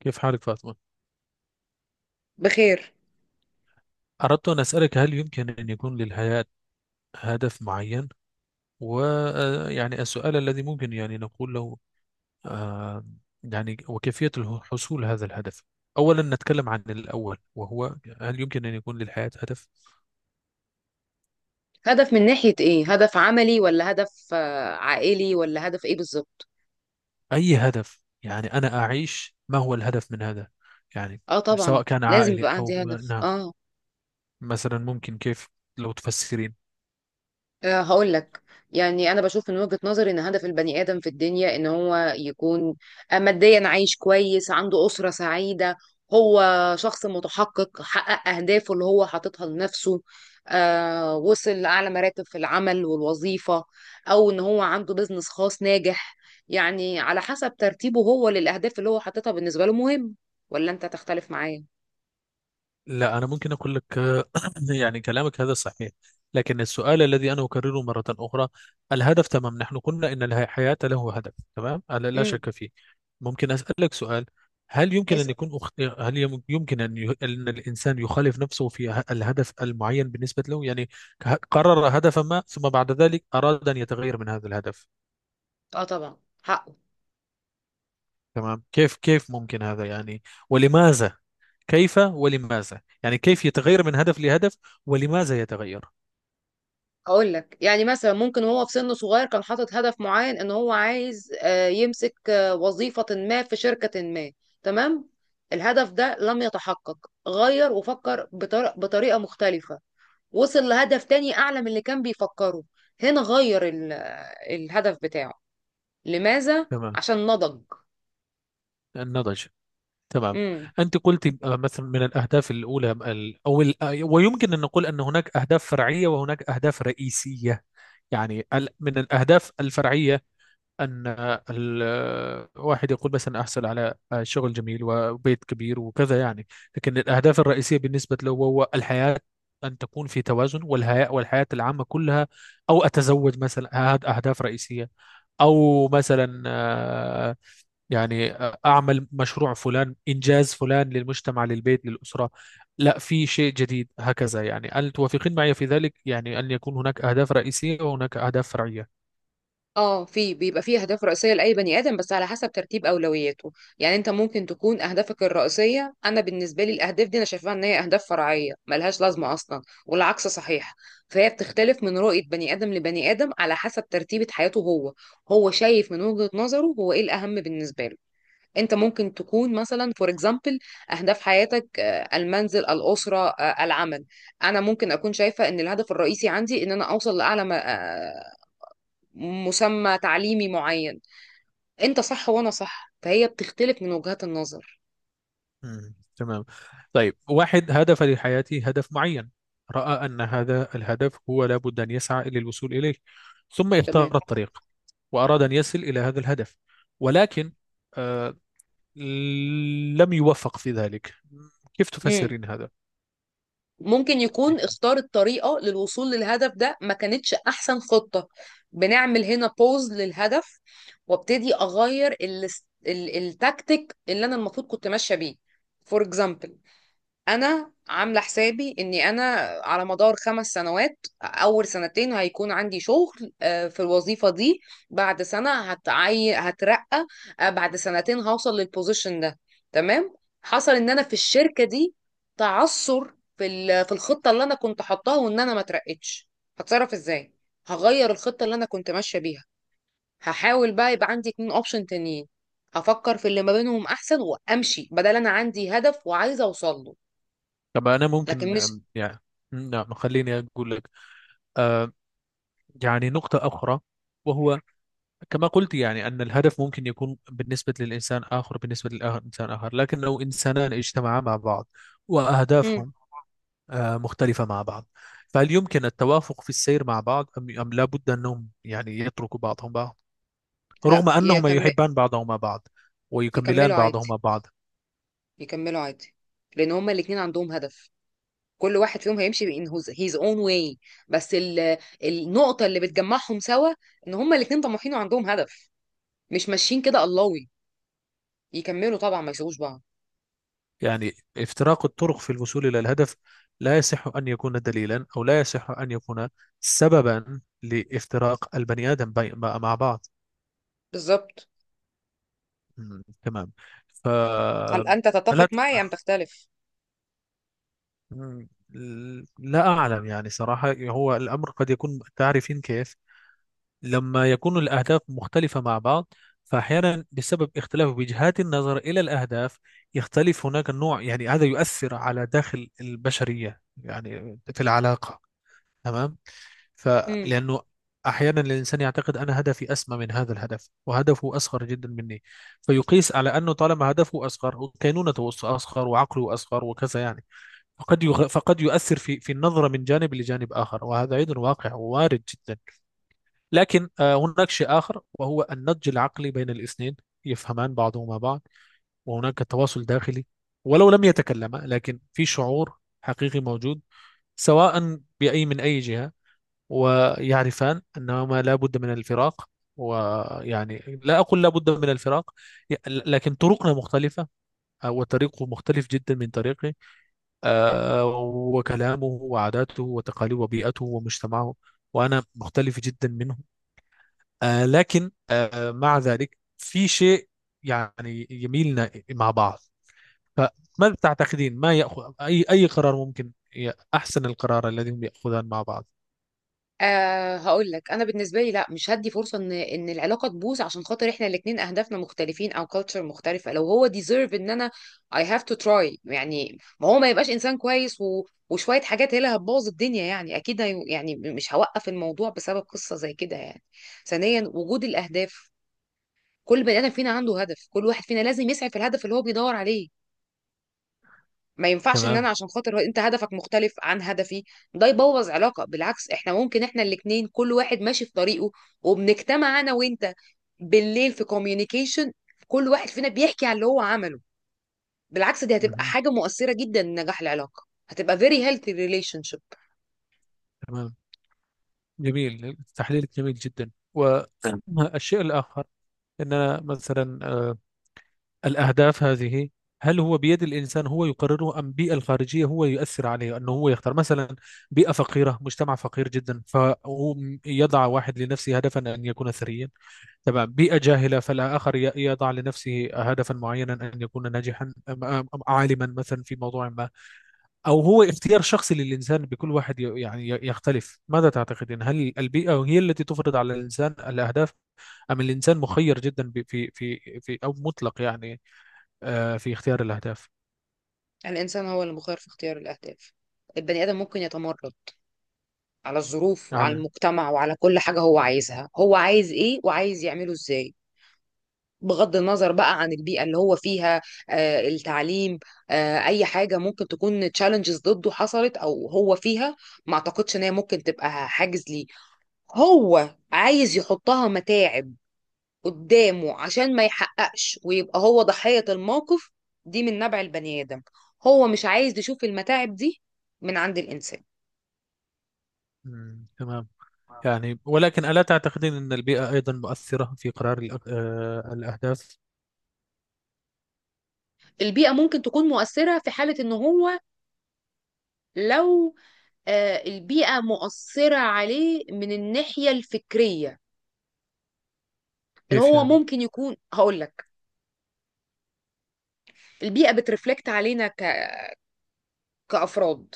كيف حالك فاطمة؟ بخير. أردت أن أسألك، هل يمكن أن يكون للحياة هدف معين؟ ويعني السؤال الذي ممكن يعني نقول له، آه، يعني وكيفية حصول هذا الهدف؟ أولا نتكلم عن الأول، وهو هل يمكن أن يكون للحياة هدف؟ هدف من ناحية ايه؟ هدف عملي ولا هدف عائلي ولا هدف ايه بالظبط؟ أي هدف، يعني أنا أعيش ما هو الهدف من هذا؟ يعني اه، طبعا سواء كان لازم عائلي يبقى عندي أو هدف نعم. اه مثلا ممكن كيف لو تفسرين؟ هقول لك. يعني انا بشوف من وجهة نظري ان هدف البني ادم في الدنيا ان هو يكون ماديا عايش كويس، عنده اسرة سعيدة. هو شخص متحقق حقق اهدافه اللي هو حاططها لنفسه، وصل لاعلى مراتب في العمل والوظيفة، او ان هو عنده بيزنس خاص ناجح. يعني على حسب ترتيبه هو للاهداف اللي هو حاططها بالنسبة له مهم. ولا انت تختلف معايا؟ لا، أنا ممكن أقول لك، يعني كلامك هذا صحيح، لكن السؤال الذي أنا أكرره مرة أخرى، الهدف تمام، نحن قلنا أن الحياة له هدف تمام، لا لا امم. شك فيه. ممكن أسألك سؤال؟ هل يمكن أن اسأل. يكون هل يمكن أن الإنسان يخالف نفسه في الهدف المعين بالنسبة له؟ يعني قرر هدفا ما، ثم بعد ذلك أراد أن يتغير من هذا الهدف. اه، طبعا، حقه. تمام. كيف ممكن هذا؟ يعني ولماذا؟ كيف ولماذا؟ يعني كيف يتغير من هدف لهدف، ولماذا يتغير؟ هقول لك يعني، مثلا ممكن وهو في سن صغير كان حاطط هدف معين ان هو عايز يمسك وظيفة ما في شركة ما. تمام. الهدف ده لم يتحقق، غير وفكر بطريقة مختلفة، وصل لهدف تاني اعلى من اللي كان بيفكره. هنا غير الهدف بتاعه. لماذا؟ تمام. عشان نضج. النضج. تمام. أنت قلت مثلا من الأهداف الأولى ال- أو ال- آه، ويمكن أن نقول أن هناك أهداف فرعية وهناك أهداف رئيسية. يعني من الأهداف الفرعية أن واحد يقول مثلا أحصل على شغل جميل وبيت كبير وكذا، يعني. لكن الأهداف الرئيسية بالنسبة له هو الحياة، أن تكون في توازن، والحياة والحياة العامة كلها، أو أتزوج مثلا، هذه أهداف رئيسية، أو مثلا يعني أعمل مشروع فلان، إنجاز فلان، للمجتمع للبيت للأسرة، لا في شيء جديد هكذا. يعني هل توافقين معي في ذلك، يعني أن يكون هناك أهداف رئيسية وهناك أهداف فرعية؟ اه، في بيبقى فيه اهداف رئيسيه لاي بني ادم، بس على حسب ترتيب اولوياته. يعني انت ممكن تكون اهدافك الرئيسيه، انا بالنسبه لي الاهداف دي انا شايفاها ان هي اهداف فرعيه ملهاش لازمه اصلا، والعكس صحيح. فهي بتختلف من رؤيه بني ادم لبني ادم على حسب ترتيبه حياته هو. هو شايف من وجهه نظره هو ايه الاهم بالنسبه له. انت ممكن تكون مثلا فور اكزامبل اهداف حياتك المنزل، الاسره، العمل. انا ممكن اكون شايفه ان الهدف الرئيسي عندي ان انا اوصل لاعلى مسمى تعليمي معين. انت صح وانا صح، فهي بتختلف من وجهات النظر. مم. تمام. طيب واحد هدف لحياته، هدف معين، رأى أن هذا الهدف هو لابد أن يسعى للوصول إليه، ثم تمام. اختار الطريق، وأراد أن يصل إلى هذا الهدف، ولكن آه لم يوفق في ذلك. كيف مم. تفسرين هذا؟ ممكن يكون اختار الطريقة للوصول للهدف ده ما كانتش احسن خطة. بنعمل هنا بوز للهدف، وابتدي اغير التكتيك اللي انا المفروض كنت ماشية بيه. فور اكزامبل، انا عامله حسابي اني انا على مدار 5 سنوات اول سنتين هيكون عندي شغل في الوظيفه دي، بعد سنه هترقى، بعد سنتين هوصل للبوزيشن ده. تمام. حصل ان انا في الشركه دي تعثر في الخطه اللي انا كنت حطاها، وان انا ما اترقتش. هتصرف ازاي؟ هغير الخطه اللي انا كنت ماشيه بيها. هحاول بقى يبقى عندي 2 اوبشن تانيين، هفكر في اللي ما بينهم احسن وامشي، بدل انا عندي هدف وعايزه اوصل له. طب أنا لكن ممكن مش يعني نعم، خليني أقول لك آه، يعني نقطة أخرى، وهو كما قلت يعني أن الهدف ممكن يكون بالنسبة للإنسان آخر، بالنسبة للإنسان آخر، لكن لو إنسانان اجتمعا مع بعض، مم. وأهدافهم مختلفة مع بعض، فهل يمكن التوافق في السير مع بعض، أم لا بد أنهم يعني يتركوا بعضهم بعض، لا رغم أنهما يكمل. يحبان بعضهما بعض، ويكملان يكملوا عادي، بعضهما بعض؟ يكملوا عادي. لان هما الاتنين عندهم هدف. كل واحد فيهم هيمشي in his own way، بس النقطة اللي بتجمعهم سوا ان هما الاتنين طموحين وعندهم هدف. مش ماشيين كده اللهوي. يكملوا طبعا، ما يسيبوش بعض. يعني افتراق الطرق في الوصول إلى الهدف لا يصح أن يكون دليلا، أو لا يصح أن يكون سببا لافتراق البني آدم مع مع بعض. بالظبط. مم، تمام. ف هل انت تتفق لا ت- معي ام تختلف؟ مم، لا أعلم، يعني صراحة هو الأمر قد يكون، تعرفين كيف، لما يكون الأهداف مختلفة مع بعض، فأحيانا بسبب اختلاف وجهات النظر إلى الأهداف يختلف هناك النوع، يعني هذا يؤثر على داخل البشرية، يعني في العلاقة. تمام. فلأنه أحيانا الإنسان يعتقد أنا هدفي أسمى من هذا الهدف، وهدفه أصغر جدا مني، فيقيس على أنه طالما هدفه أصغر وكينونته أصغر وعقله أصغر وكذا، يعني فقد يؤثر في النظرة من جانب لجانب آخر، وهذا أيضا واقع ووارد جدا. لكن هناك شيء آخر، وهو النضج العقلي بين الاثنين، يفهمان بعضهما بعض، وهناك تواصل داخلي، ولو لم يتكلما، لكن في شعور حقيقي موجود، سواء بأي من أي جهة، ويعرفان أنهما لا بد من الفراق، ويعني لا أقول لا بد من الفراق، لكن طرقنا مختلفة، وطريقه مختلف جدا من طريقي، آه، وكلامه وعاداته وتقاليده وبيئته ومجتمعه، وأنا مختلف جدا منه. لكن مع ذلك في شيء يعني يميلنا مع بعض. فماذا تعتقدين، ما يأخذ أي قرار ممكن، أحسن القرار الذي هم يأخذان مع بعض؟ أه، هقول لك انا بالنسبه لي، لا مش هدي فرصه ان العلاقه تبوظ عشان خاطر احنا الاثنين اهدافنا مختلفين او كالتشر مختلفه. لو هو ديزيرف ان انا I have to try. يعني ما هو ما يبقاش انسان كويس وشويه حاجات هي اللي هتبوظ الدنيا يعني، اكيد يعني مش هوقف الموضوع بسبب قصه زي كده يعني. ثانيا، وجود الاهداف. كل بني ادم فينا عنده هدف، كل واحد فينا لازم يسعى في الهدف اللي هو بيدور عليه. ما ينفعش ان انا تمام. عشان خاطر انت هدفك مختلف عن هدفي ده يبوظ علاقة. بالعكس، احنا ممكن احنا الاتنين كل واحد ماشي في طريقه، وبنجتمع انا وانت بالليل في كوميونيكيشن، كل واحد فينا بيحكي عن اللي هو عمله. بالعكس، دي هتبقى مهم. حاجة مؤثرة جدا لنجاح العلاقة، هتبقى very healthy relationship. تمام. جميل، تحليلك جميل جدا. تمام. والشيء الآخر، أننا مثلا الأهداف هذه، هل هو بيد الإنسان هو يقرره، أم البيئة الخارجية هو يؤثر عليه؟ أنه هو يختار مثلا بيئة فقيرة، مجتمع فقير جدا، فهو يضع واحد لنفسه هدفا أن يكون ثريا، تمام. بيئة جاهلة، فالآخر يضع لنفسه هدفا معينا أن يكون ناجحا أم عالما مثلا في موضوع ما، أو هو اختيار شخصي للإنسان، بكل واحد يختلف. ماذا تعتقدين، هل البيئة هي التي تفرض على الإنسان الأهداف، أم الإنسان مخير جدا في أو مطلق، يعني في اختيار الأهداف؟ الانسان هو اللي مخير في اختيار الاهداف. البني ادم ممكن يتمرد على الظروف وعلى أعلى. المجتمع وعلى كل حاجة، هو عايزها، هو عايز ايه وعايز يعمله ازاي، بغض النظر بقى عن البيئة اللي هو فيها، التعليم، أي حاجة ممكن تكون تشالنجز ضده حصلت أو هو فيها. ما أعتقدش إن هي ممكن تبقى حاجز ليه، هو عايز يحطها متاعب قدامه عشان ما يحققش ويبقى هو ضحية الموقف. دي من نبع البني آدم. هو مش عايز يشوف المتاعب دي من عند الإنسان. مم، تمام. يعني ولكن ألا تعتقدين أن البيئة أيضا مؤثرة في قرار الأهداف؟ البيئة ممكن تكون مؤثرة في حالة إن هو، لو البيئة مؤثرة عليه من الناحية الفكرية. ان كيف هو يعني؟ ممكن يكون، هقول لك، البيئه بترفلكت علينا كافراد.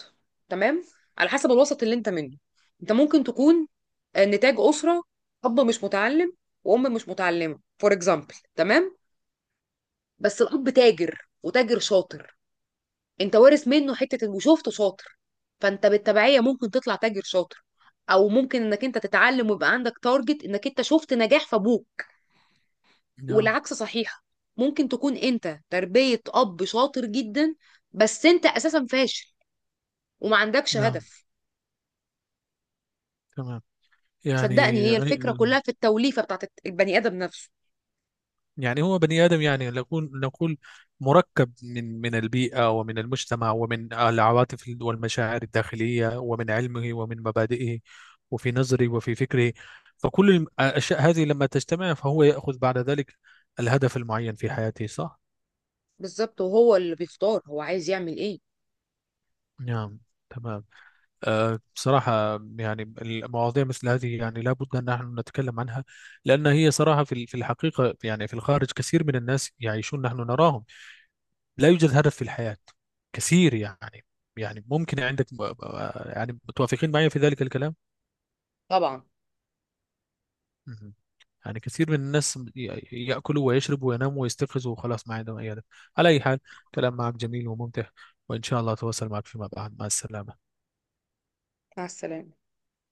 تمام. على حسب الوسط اللي انت منه، انت ممكن تكون نتاج اسره اب مش متعلم وام مش متعلمه فور اكزامبل. تمام. بس الاب تاجر وتاجر شاطر، انت وارث منه حته وشفته شاطر، فانت بالتبعيه ممكن تطلع تاجر شاطر. او ممكن انك انت تتعلم ويبقى عندك تارجت انك انت شفت نجاح في ابوك. نعم. والعكس صحيح، ممكن تكون انت تربية اب شاطر جدا بس انت اساسا فاشل وما عندكش نعم. هدف. تمام. صدقني يعني هي الفكرة كلها في التوليفة بتاعت البني ادم نفسه. يعني هو بني آدم، يعني نقول نقول مركب من من البيئة ومن المجتمع ومن العواطف والمشاعر الداخلية ومن علمه ومن مبادئه، وفي نظره وفي فكره، فكل الأشياء هذه لما تجتمع فهو يأخذ بعد ذلك الهدف المعين في حياته، صح؟ بالظبط، وهو اللي بيختار هو عايز يعمل ايه. نعم. تمام. أه بصراحة يعني المواضيع مثل هذه يعني لابد أن نحن نتكلم عنها، لأن هي صراحة في في الحقيقة يعني في الخارج كثير من الناس يعيشون نحن نراهم لا يوجد هدف في الحياة، كثير، يعني يعني ممكن عندك يعني متوافقين معي في ذلك الكلام. طبعا. مهم. يعني كثير من الناس يأكلوا ويشربوا ويناموا ويستيقظوا، وخلاص ما عندهم أي هدف. على أي حال، كلام معك جميل وممتع، وإن شاء الله أتواصل معك فيما بعد. مع السلامة. مع السلامة.